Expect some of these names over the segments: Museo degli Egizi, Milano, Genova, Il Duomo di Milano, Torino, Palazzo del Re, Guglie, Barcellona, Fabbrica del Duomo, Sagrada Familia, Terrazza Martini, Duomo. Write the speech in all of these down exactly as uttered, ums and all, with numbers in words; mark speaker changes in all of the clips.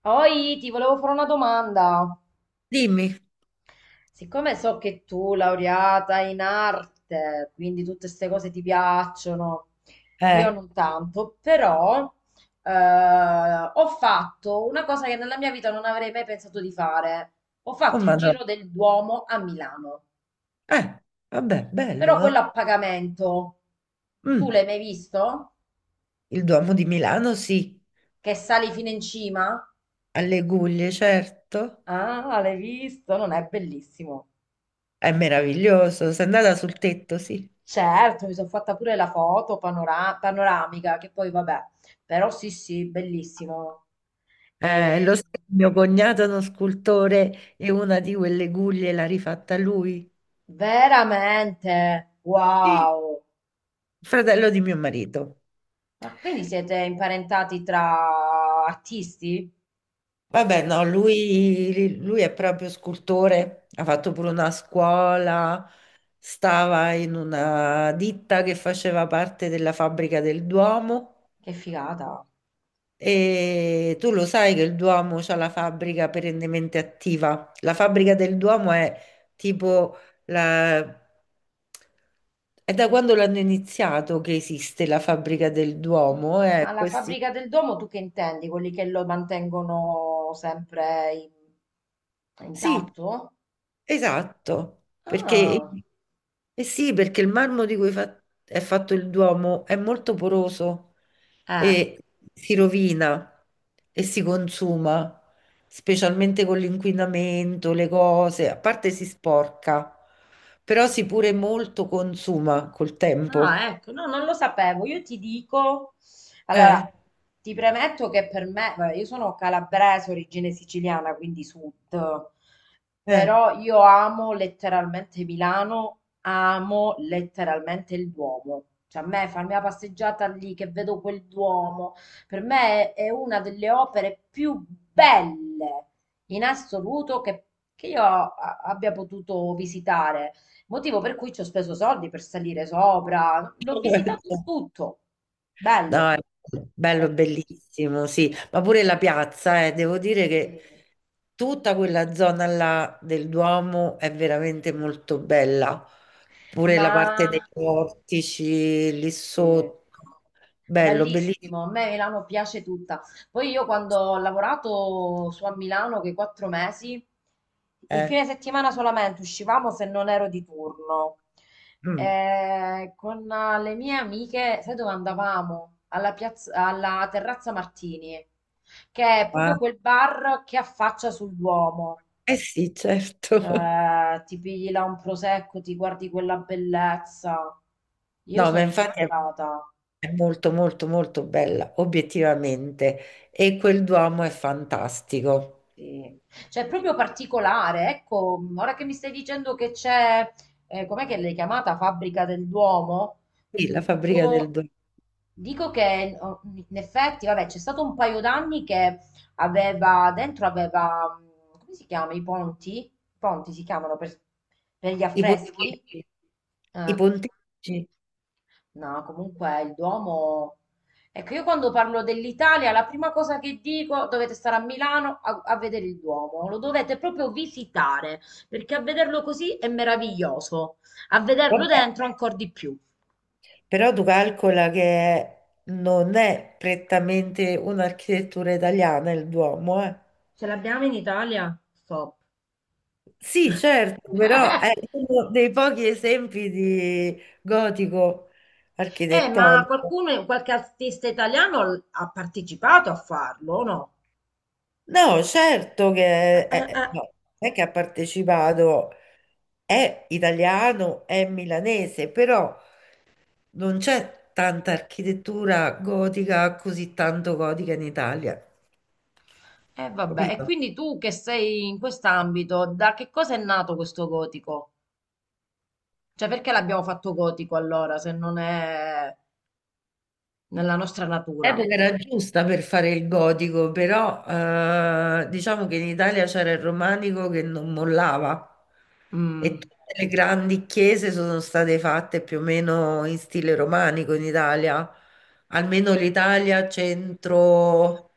Speaker 1: Poi ti volevo fare una domanda.
Speaker 2: Dimmi.
Speaker 1: Siccome so che tu, laureata in arte, quindi tutte queste cose ti piacciono, io
Speaker 2: Eh,
Speaker 1: non tanto, però eh, ho fatto una cosa che nella mia vita non avrei mai pensato di fare. Ho
Speaker 2: oh
Speaker 1: fatto il
Speaker 2: madonna.
Speaker 1: giro del Duomo a Milano,
Speaker 2: Eh, vabbè, bello,
Speaker 1: però quello a
Speaker 2: no?
Speaker 1: pagamento. Tu
Speaker 2: Mm,
Speaker 1: l'hai mai visto?
Speaker 2: il Duomo di Milano, sì.
Speaker 1: Che sali fino in cima?
Speaker 2: Alle Guglie, certo.
Speaker 1: Ah, l'hai visto? Non è bellissimo.
Speaker 2: È meraviglioso. Sei andata sul tetto, sì.
Speaker 1: Certo, mi sono fatta pure la foto panora- panoramica, che poi vabbè, però sì, sì, bellissimo.
Speaker 2: Eh,
Speaker 1: E
Speaker 2: lo sai, mio cognato è uno scultore e una di quelle guglie l'ha rifatta lui.
Speaker 1: veramente,
Speaker 2: Sì,
Speaker 1: wow.
Speaker 2: fratello di mio marito.
Speaker 1: Ma quindi siete imparentati tra artisti?
Speaker 2: Vabbè,
Speaker 1: Cioè,
Speaker 2: no, lui, lui è proprio scultore, ha fatto pure una scuola, stava in una ditta che faceva parte della fabbrica del Duomo.
Speaker 1: che figata.
Speaker 2: E tu lo sai che il Duomo c'ha la fabbrica perennemente attiva. La fabbrica del Duomo è tipo la... È da quando l'hanno iniziato che esiste la fabbrica del
Speaker 1: M-
Speaker 2: Duomo,
Speaker 1: ma
Speaker 2: eh,
Speaker 1: la
Speaker 2: questi...
Speaker 1: fabbrica del domo tu che intendi? Quelli che lo mantengono sempre in-
Speaker 2: Sì,
Speaker 1: intatto?
Speaker 2: esatto, perché,
Speaker 1: Ah,
Speaker 2: eh sì, perché il marmo di cui fa- è fatto il Duomo è molto poroso
Speaker 1: eh.
Speaker 2: e si rovina e si consuma, specialmente con l'inquinamento, le cose, a parte si sporca, però si pure molto consuma col tempo.
Speaker 1: Ah, ecco, no, non lo sapevo. Io ti dico, allora,
Speaker 2: Eh,
Speaker 1: ti premetto che per me, vabbè, io sono calabrese, origine siciliana, quindi sud,
Speaker 2: eh.
Speaker 1: però io amo letteralmente Milano, amo letteralmente il Duomo. Cioè, a me farmi la passeggiata lì che vedo quel Duomo, per me è, è una delle opere più belle in assoluto che, che io a- abbia potuto visitare. Motivo per cui ci ho speso soldi per salire sopra. L'ho visitato tutto.
Speaker 2: No,
Speaker 1: Bello,
Speaker 2: è bello,
Speaker 1: meraviglioso.
Speaker 2: bellissimo, sì, ma pure la piazza, eh, devo dire
Speaker 1: Sì.
Speaker 2: che tutta quella zona là del Duomo è veramente molto bella, pure la parte
Speaker 1: Ma
Speaker 2: dei portici lì
Speaker 1: eh,
Speaker 2: sotto, bello, bellissimo.
Speaker 1: bellissimo, a me Milano piace tutta. Poi io quando ho lavorato su a Milano, quei quattro mesi, il
Speaker 2: Eh,
Speaker 1: fine settimana solamente uscivamo se non ero di turno.
Speaker 2: Mm.
Speaker 1: Eh, con eh, le mie amiche, sai dove andavamo? Alla piazza, alla Terrazza Martini, che è
Speaker 2: Ah,
Speaker 1: proprio quel bar che affaccia sul Duomo.
Speaker 2: eh sì, certo.
Speaker 1: Cioè, ti pigli là un prosecco, ti guardi quella bellezza. Io
Speaker 2: No, ma
Speaker 1: sono
Speaker 2: infatti è
Speaker 1: innamorata.
Speaker 2: è molto, molto, molto bella, obiettivamente, e quel Duomo è fantastico.
Speaker 1: Sì. Cioè, è proprio particolare, ecco, ora che mi stai dicendo che c'è, eh, com'è che l'hai chiamata, Fabbrica del Duomo,
Speaker 2: Sì, la fabbrica del
Speaker 1: dico,
Speaker 2: Duomo,
Speaker 1: dico che oh, in effetti, vabbè, c'è stato un paio d'anni che aveva, dentro aveva, mm, come si chiama, i ponti? I ponti si chiamano per, per gli
Speaker 2: i
Speaker 1: affreschi?
Speaker 2: portici. I
Speaker 1: Eh.
Speaker 2: pontefici,
Speaker 1: No, comunque il Duomo... Ecco, io quando parlo dell'Italia, la prima cosa che dico, dovete stare a Milano a, a vedere il Duomo, lo dovete proprio visitare, perché a vederlo così è meraviglioso, a vederlo
Speaker 2: vabbè,
Speaker 1: dentro ancora di più.
Speaker 2: però tu calcola che non è prettamente un'architettura italiana il Duomo, eh.
Speaker 1: Ce l'abbiamo in Italia? Stop.
Speaker 2: Sì, certo, però è uno dei pochi esempi di gotico
Speaker 1: Eh, ma
Speaker 2: architettonico.
Speaker 1: qualcuno, qualche artista italiano l- ha partecipato a farlo, o no?
Speaker 2: No, certo
Speaker 1: Eh,
Speaker 2: che
Speaker 1: eh,
Speaker 2: è,
Speaker 1: eh.
Speaker 2: no, non è che ha partecipato, è italiano, è milanese, però non c'è tanta architettura gotica, così tanto gotica in Italia,
Speaker 1: Eh, vabbè, e
Speaker 2: capito?
Speaker 1: quindi tu che sei in quest'ambito, da che cosa è nato questo gotico? Cioè, perché l'abbiamo fatto gotico allora, se non è nella nostra natura?
Speaker 2: Epoca era giusta per fare il gotico, però eh, diciamo che in Italia c'era il romanico che non mollava e
Speaker 1: Mm,
Speaker 2: tutte le grandi chiese sono state fatte più o meno in stile romanico in Italia, almeno l'Italia centro,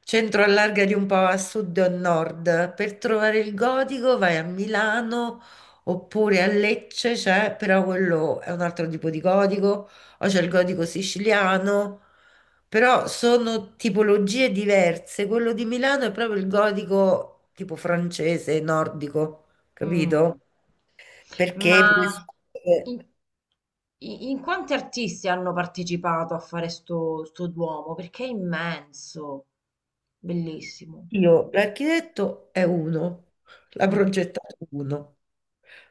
Speaker 2: centro allarga di un po' a sud e a nord. Per trovare il gotico vai a Milano oppure a Lecce, c'è, però quello è un altro tipo di gotico, o c'è il gotico siciliano. Però sono tipologie diverse. Quello di Milano è proprio il gotico tipo francese, nordico,
Speaker 1: mm.
Speaker 2: capito? Perché per
Speaker 1: Ma
Speaker 2: esempio,
Speaker 1: in, i- in quanti artisti hanno partecipato a fare sto, sto Duomo? Perché è immenso, bellissimo.
Speaker 2: io l'architetto è uno, la
Speaker 1: Mm.
Speaker 2: progettato uno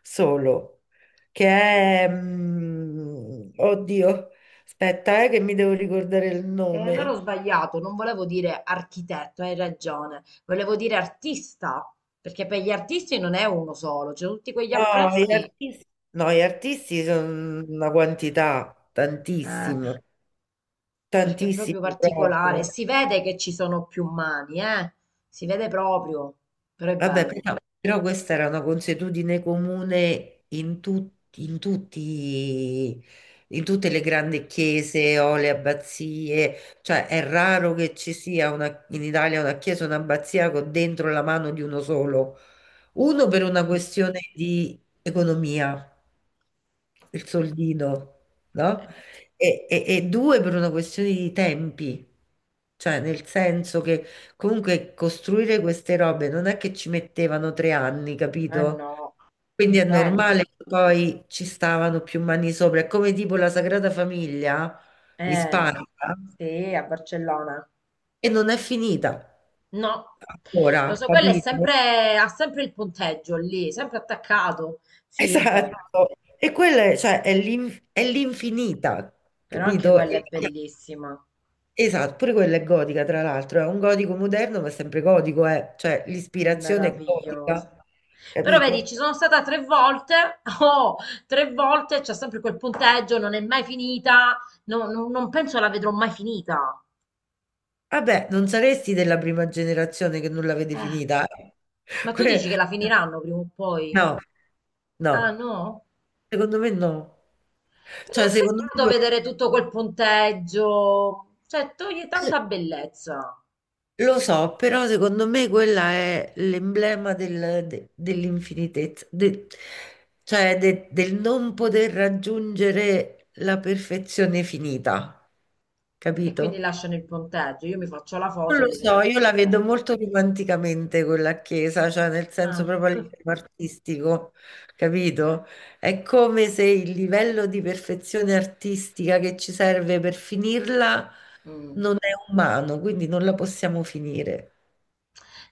Speaker 2: solo, che è mm, oddio, aspetta, eh, che mi devo ricordare il
Speaker 1: E allora ho
Speaker 2: nome.
Speaker 1: sbagliato, non volevo dire architetto, hai ragione, volevo dire artista, perché per gli artisti non è uno solo, cioè tutti quegli
Speaker 2: No, gli
Speaker 1: affreschi.
Speaker 2: artisti, no, gli artisti sono una quantità, tantissimo,
Speaker 1: Eh, Perché è proprio
Speaker 2: tantissimo
Speaker 1: particolare.
Speaker 2: proprio.
Speaker 1: Si vede che ci sono più mani, eh? Si vede proprio, però è
Speaker 2: Vabbè,
Speaker 1: bello.
Speaker 2: però, però questa era una consuetudine comune in, tut- in tutti, in tutte le grandi chiese o le abbazie, cioè è raro che ci sia una- in Italia una chiesa o un'abbazia con dentro la mano di uno solo, uno per una
Speaker 1: Mm.
Speaker 2: questione di economia il soldino, no? E, e- e due per una questione di tempi, cioè nel senso che comunque costruire queste robe non è che ci mettevano tre anni,
Speaker 1: Eh
Speaker 2: capito?
Speaker 1: no, non
Speaker 2: Quindi è
Speaker 1: penso.
Speaker 2: normale che poi ci stavano più mani sopra, è come tipo la Sagrada Famiglia in
Speaker 1: Eh,
Speaker 2: Spagna
Speaker 1: sì, a Barcellona.
Speaker 2: e non è finita
Speaker 1: No, lo
Speaker 2: ancora,
Speaker 1: so, quello è
Speaker 2: capito?
Speaker 1: sempre, ha sempre il punteggio lì, sempre attaccato. Sì, è vero.
Speaker 2: Esatto. E quella è, cioè, è l'in- è l'infinita,
Speaker 1: Però anche
Speaker 2: capito?
Speaker 1: quella
Speaker 2: E-
Speaker 1: è bellissima,
Speaker 2: Esatto, pure quella è gotica, tra l'altro, è un gotico moderno, ma è sempre gotico, eh. Cioè
Speaker 1: è
Speaker 2: l'ispirazione è
Speaker 1: meravigliosa.
Speaker 2: gotica,
Speaker 1: Però vedi,
Speaker 2: capito?
Speaker 1: ci sono stata tre volte, oh, tre volte, c'è sempre quel punteggio, non è mai finita, no- no- non penso la vedrò mai finita.
Speaker 2: Vabbè, non saresti della prima generazione che non l'avete
Speaker 1: Eh,
Speaker 2: finita, eh.
Speaker 1: ma tu dici
Speaker 2: Que-
Speaker 1: che la finiranno prima o poi?
Speaker 2: No, no,
Speaker 1: Ah no?
Speaker 2: secondo me no.
Speaker 1: Perché
Speaker 2: Cioè,
Speaker 1: è
Speaker 2: secondo
Speaker 1: peccato
Speaker 2: me...
Speaker 1: vedere tutto quel punteggio, cioè toglie tanta bellezza
Speaker 2: Lo so, però secondo me quella è l'emblema del- de- dell'infinitezza, de- cioè de- del non poter raggiungere la perfezione finita,
Speaker 1: e quindi
Speaker 2: capito?
Speaker 1: lasciano il punteggio, io mi faccio la
Speaker 2: Non
Speaker 1: foto e
Speaker 2: lo
Speaker 1: mi vedo
Speaker 2: so,
Speaker 1: il
Speaker 2: io la vedo
Speaker 1: punteggio.
Speaker 2: molto romanticamente quella chiesa, cioè nel senso
Speaker 1: Ah.
Speaker 2: proprio a livello artistico, capito? È come se il livello di perfezione artistica che ci serve per finirla
Speaker 1: Mm.
Speaker 2: non è umano, quindi non la possiamo finire.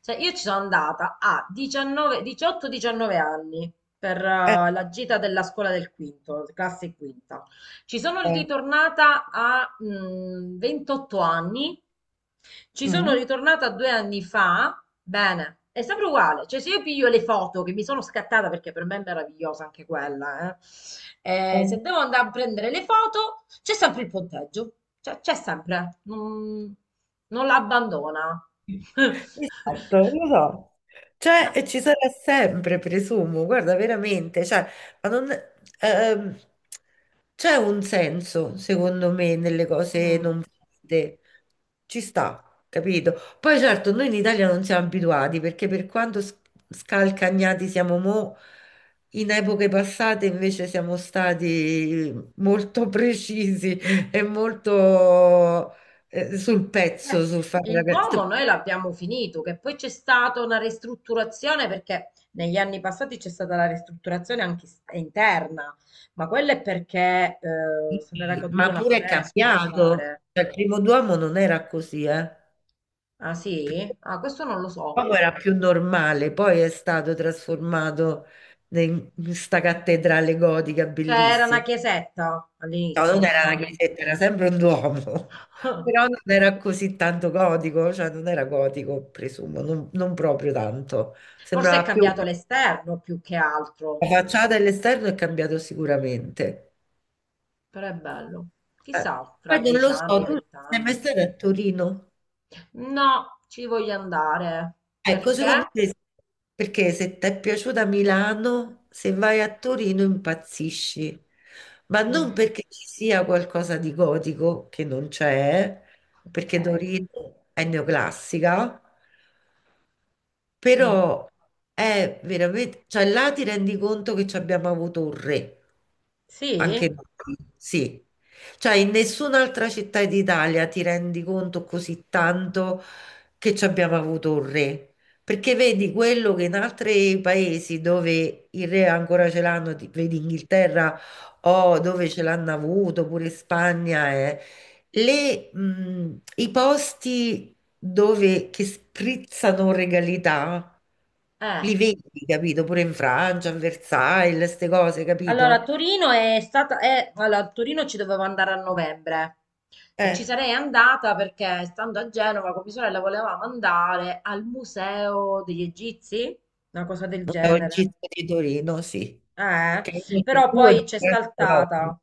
Speaker 1: Cioè, io ci sono andata a diciannove, diciotto diciannove anni per
Speaker 2: Eh,
Speaker 1: eh, la gita della scuola del quinto, classe quinta. Ci sono
Speaker 2: eh.
Speaker 1: ritornata a mm, ventotto anni. Ci sono
Speaker 2: Mh,
Speaker 1: ritornata due anni fa. Bene, è sempre uguale. Cioè, se io piglio le foto che mi sono scattata, perché per me è meravigliosa anche quella, eh, eh, se
Speaker 2: è
Speaker 1: devo andare a prendere le foto, c'è sempre il punteggio. Cioè, c'è sempre. Non, non la abbandona.
Speaker 2: Esatto, lo so. Cioè,
Speaker 1: Ma-
Speaker 2: e ci sarà sempre, presumo, guarda, veramente, cioè, ma non- ehm, c'è un senso, secondo me, nelle cose
Speaker 1: mm.
Speaker 2: non fatte. Ci sta, capito? Poi certo, noi in Italia non siamo abituati, perché per quanto s- scalcagnati siamo mo', in epoche passate invece siamo stati molto precisi e molto eh, sul
Speaker 1: Beh,
Speaker 2: pezzo, sul fare la
Speaker 1: il Duomo noi
Speaker 2: canzone.
Speaker 1: l'abbiamo finito, che poi c'è stata una ristrutturazione perché negli anni passati c'è stata la ristrutturazione anche s- interna, ma quella è perché eh,
Speaker 2: Sì,
Speaker 1: se n'era caduto
Speaker 2: ma
Speaker 1: un
Speaker 2: pure è
Speaker 1: affresco, mi pare.
Speaker 2: cambiato. Cioè, il primo Duomo non era così, eh.
Speaker 1: Ah sì? Ah, questo non lo so.
Speaker 2: Duomo era più normale, poi è stato trasformato in questa cattedrale gotica
Speaker 1: Cioè era una
Speaker 2: bellissima.
Speaker 1: chiesetta
Speaker 2: No,
Speaker 1: all'inizio,
Speaker 2: non era una
Speaker 1: normale.
Speaker 2: chiesetta, era sempre un Duomo, però non era così tanto gotico, cioè non era gotico, presumo, non, non proprio tanto.
Speaker 1: Forse è
Speaker 2: Sembrava più
Speaker 1: cambiato l'esterno più che altro,
Speaker 2: la facciata e l'esterno è cambiato sicuramente.
Speaker 1: però è bello.
Speaker 2: Eh,
Speaker 1: Chissà, fra
Speaker 2: Poi non
Speaker 1: dieci
Speaker 2: lo so,
Speaker 1: anni,
Speaker 2: tu sei mai
Speaker 1: vent'anni.
Speaker 2: stata a Torino?
Speaker 1: No, ci voglio andare.
Speaker 2: Ecco, secondo
Speaker 1: Perché?
Speaker 2: te, perché se ti è piaciuta Milano, se vai a Torino impazzisci, ma non
Speaker 1: Mm,
Speaker 2: perché ci sia qualcosa di gotico, che non c'è, perché
Speaker 1: ok.
Speaker 2: Torino è neoclassica,
Speaker 1: Mm.
Speaker 2: però è veramente, cioè là ti rendi conto che ci abbiamo avuto un re. Anche
Speaker 1: Sì?
Speaker 2: noi, sì. Cioè, in nessun'altra città d'Italia ti rendi conto così tanto che ci abbiamo avuto un re. Perché vedi quello che in altri paesi dove il re ancora ce l'hanno, ti- vedi Inghilterra o dove ce l'hanno avuto, pure Spagna, eh, le, mh, i posti dove che sprizzano regalità.
Speaker 1: Eh,
Speaker 2: Li vedi, capito? Pure in Francia, a Versailles, queste cose, capito?
Speaker 1: allora Torino è stata, eh, allora, a Torino ci dovevo andare a novembre e ci
Speaker 2: Eh.
Speaker 1: sarei andata perché stando a Genova con mia sorella volevamo andare al Museo degli Egizi, una cosa del
Speaker 2: È un
Speaker 1: genere.
Speaker 2: gizzo di Torino, sì.
Speaker 1: Eh,
Speaker 2: Che è uno dei
Speaker 1: però
Speaker 2: due
Speaker 1: poi c'è
Speaker 2: mercati d'Europa.
Speaker 1: saltata.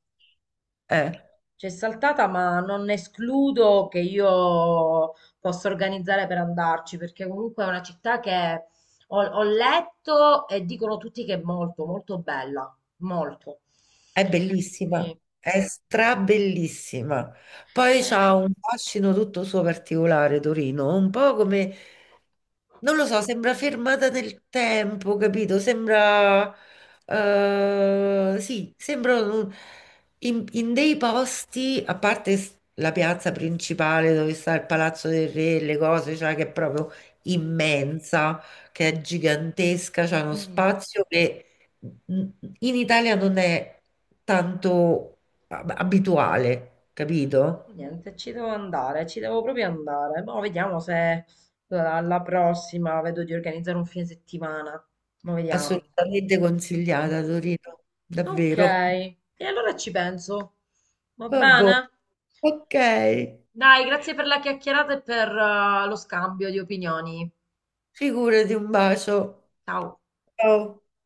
Speaker 2: Eh.
Speaker 1: C'è saltata, ma non escludo che io possa organizzare per andarci, perché comunque è una città che ho, ho letto e dicono tutti che è molto, molto bella, molto.
Speaker 2: È
Speaker 1: Per
Speaker 2: bellissima,
Speaker 1: cui,
Speaker 2: è strabellissima. Poi c'ha
Speaker 1: eh,
Speaker 2: un fascino tutto suo particolare, Torino, un po' come, non lo so, sembra fermata nel tempo, capito? Sembra, eh, sì, sembra un- in, in dei posti, a parte s- la piazza principale dove sta il Palazzo del Re, le cose, cioè che è proprio immensa, che è gigantesca, c'è uno
Speaker 1: mm,
Speaker 2: spazio che in Italia non è tanto ab- abituale, capito?
Speaker 1: niente, ci devo andare, ci devo proprio andare. Mo vediamo se alla prossima vedo di organizzare un fine settimana. Ma vediamo.
Speaker 2: Assolutamente consigliata
Speaker 1: Mm.
Speaker 2: Torino,
Speaker 1: Ok,
Speaker 2: davvero.
Speaker 1: e allora ci penso. Va
Speaker 2: Vabbè.
Speaker 1: bene?
Speaker 2: Ok,
Speaker 1: Dai, grazie per la chiacchierata e per eh, lo scambio di opinioni.
Speaker 2: figurati, un bacio.
Speaker 1: Ciao.
Speaker 2: Ciao.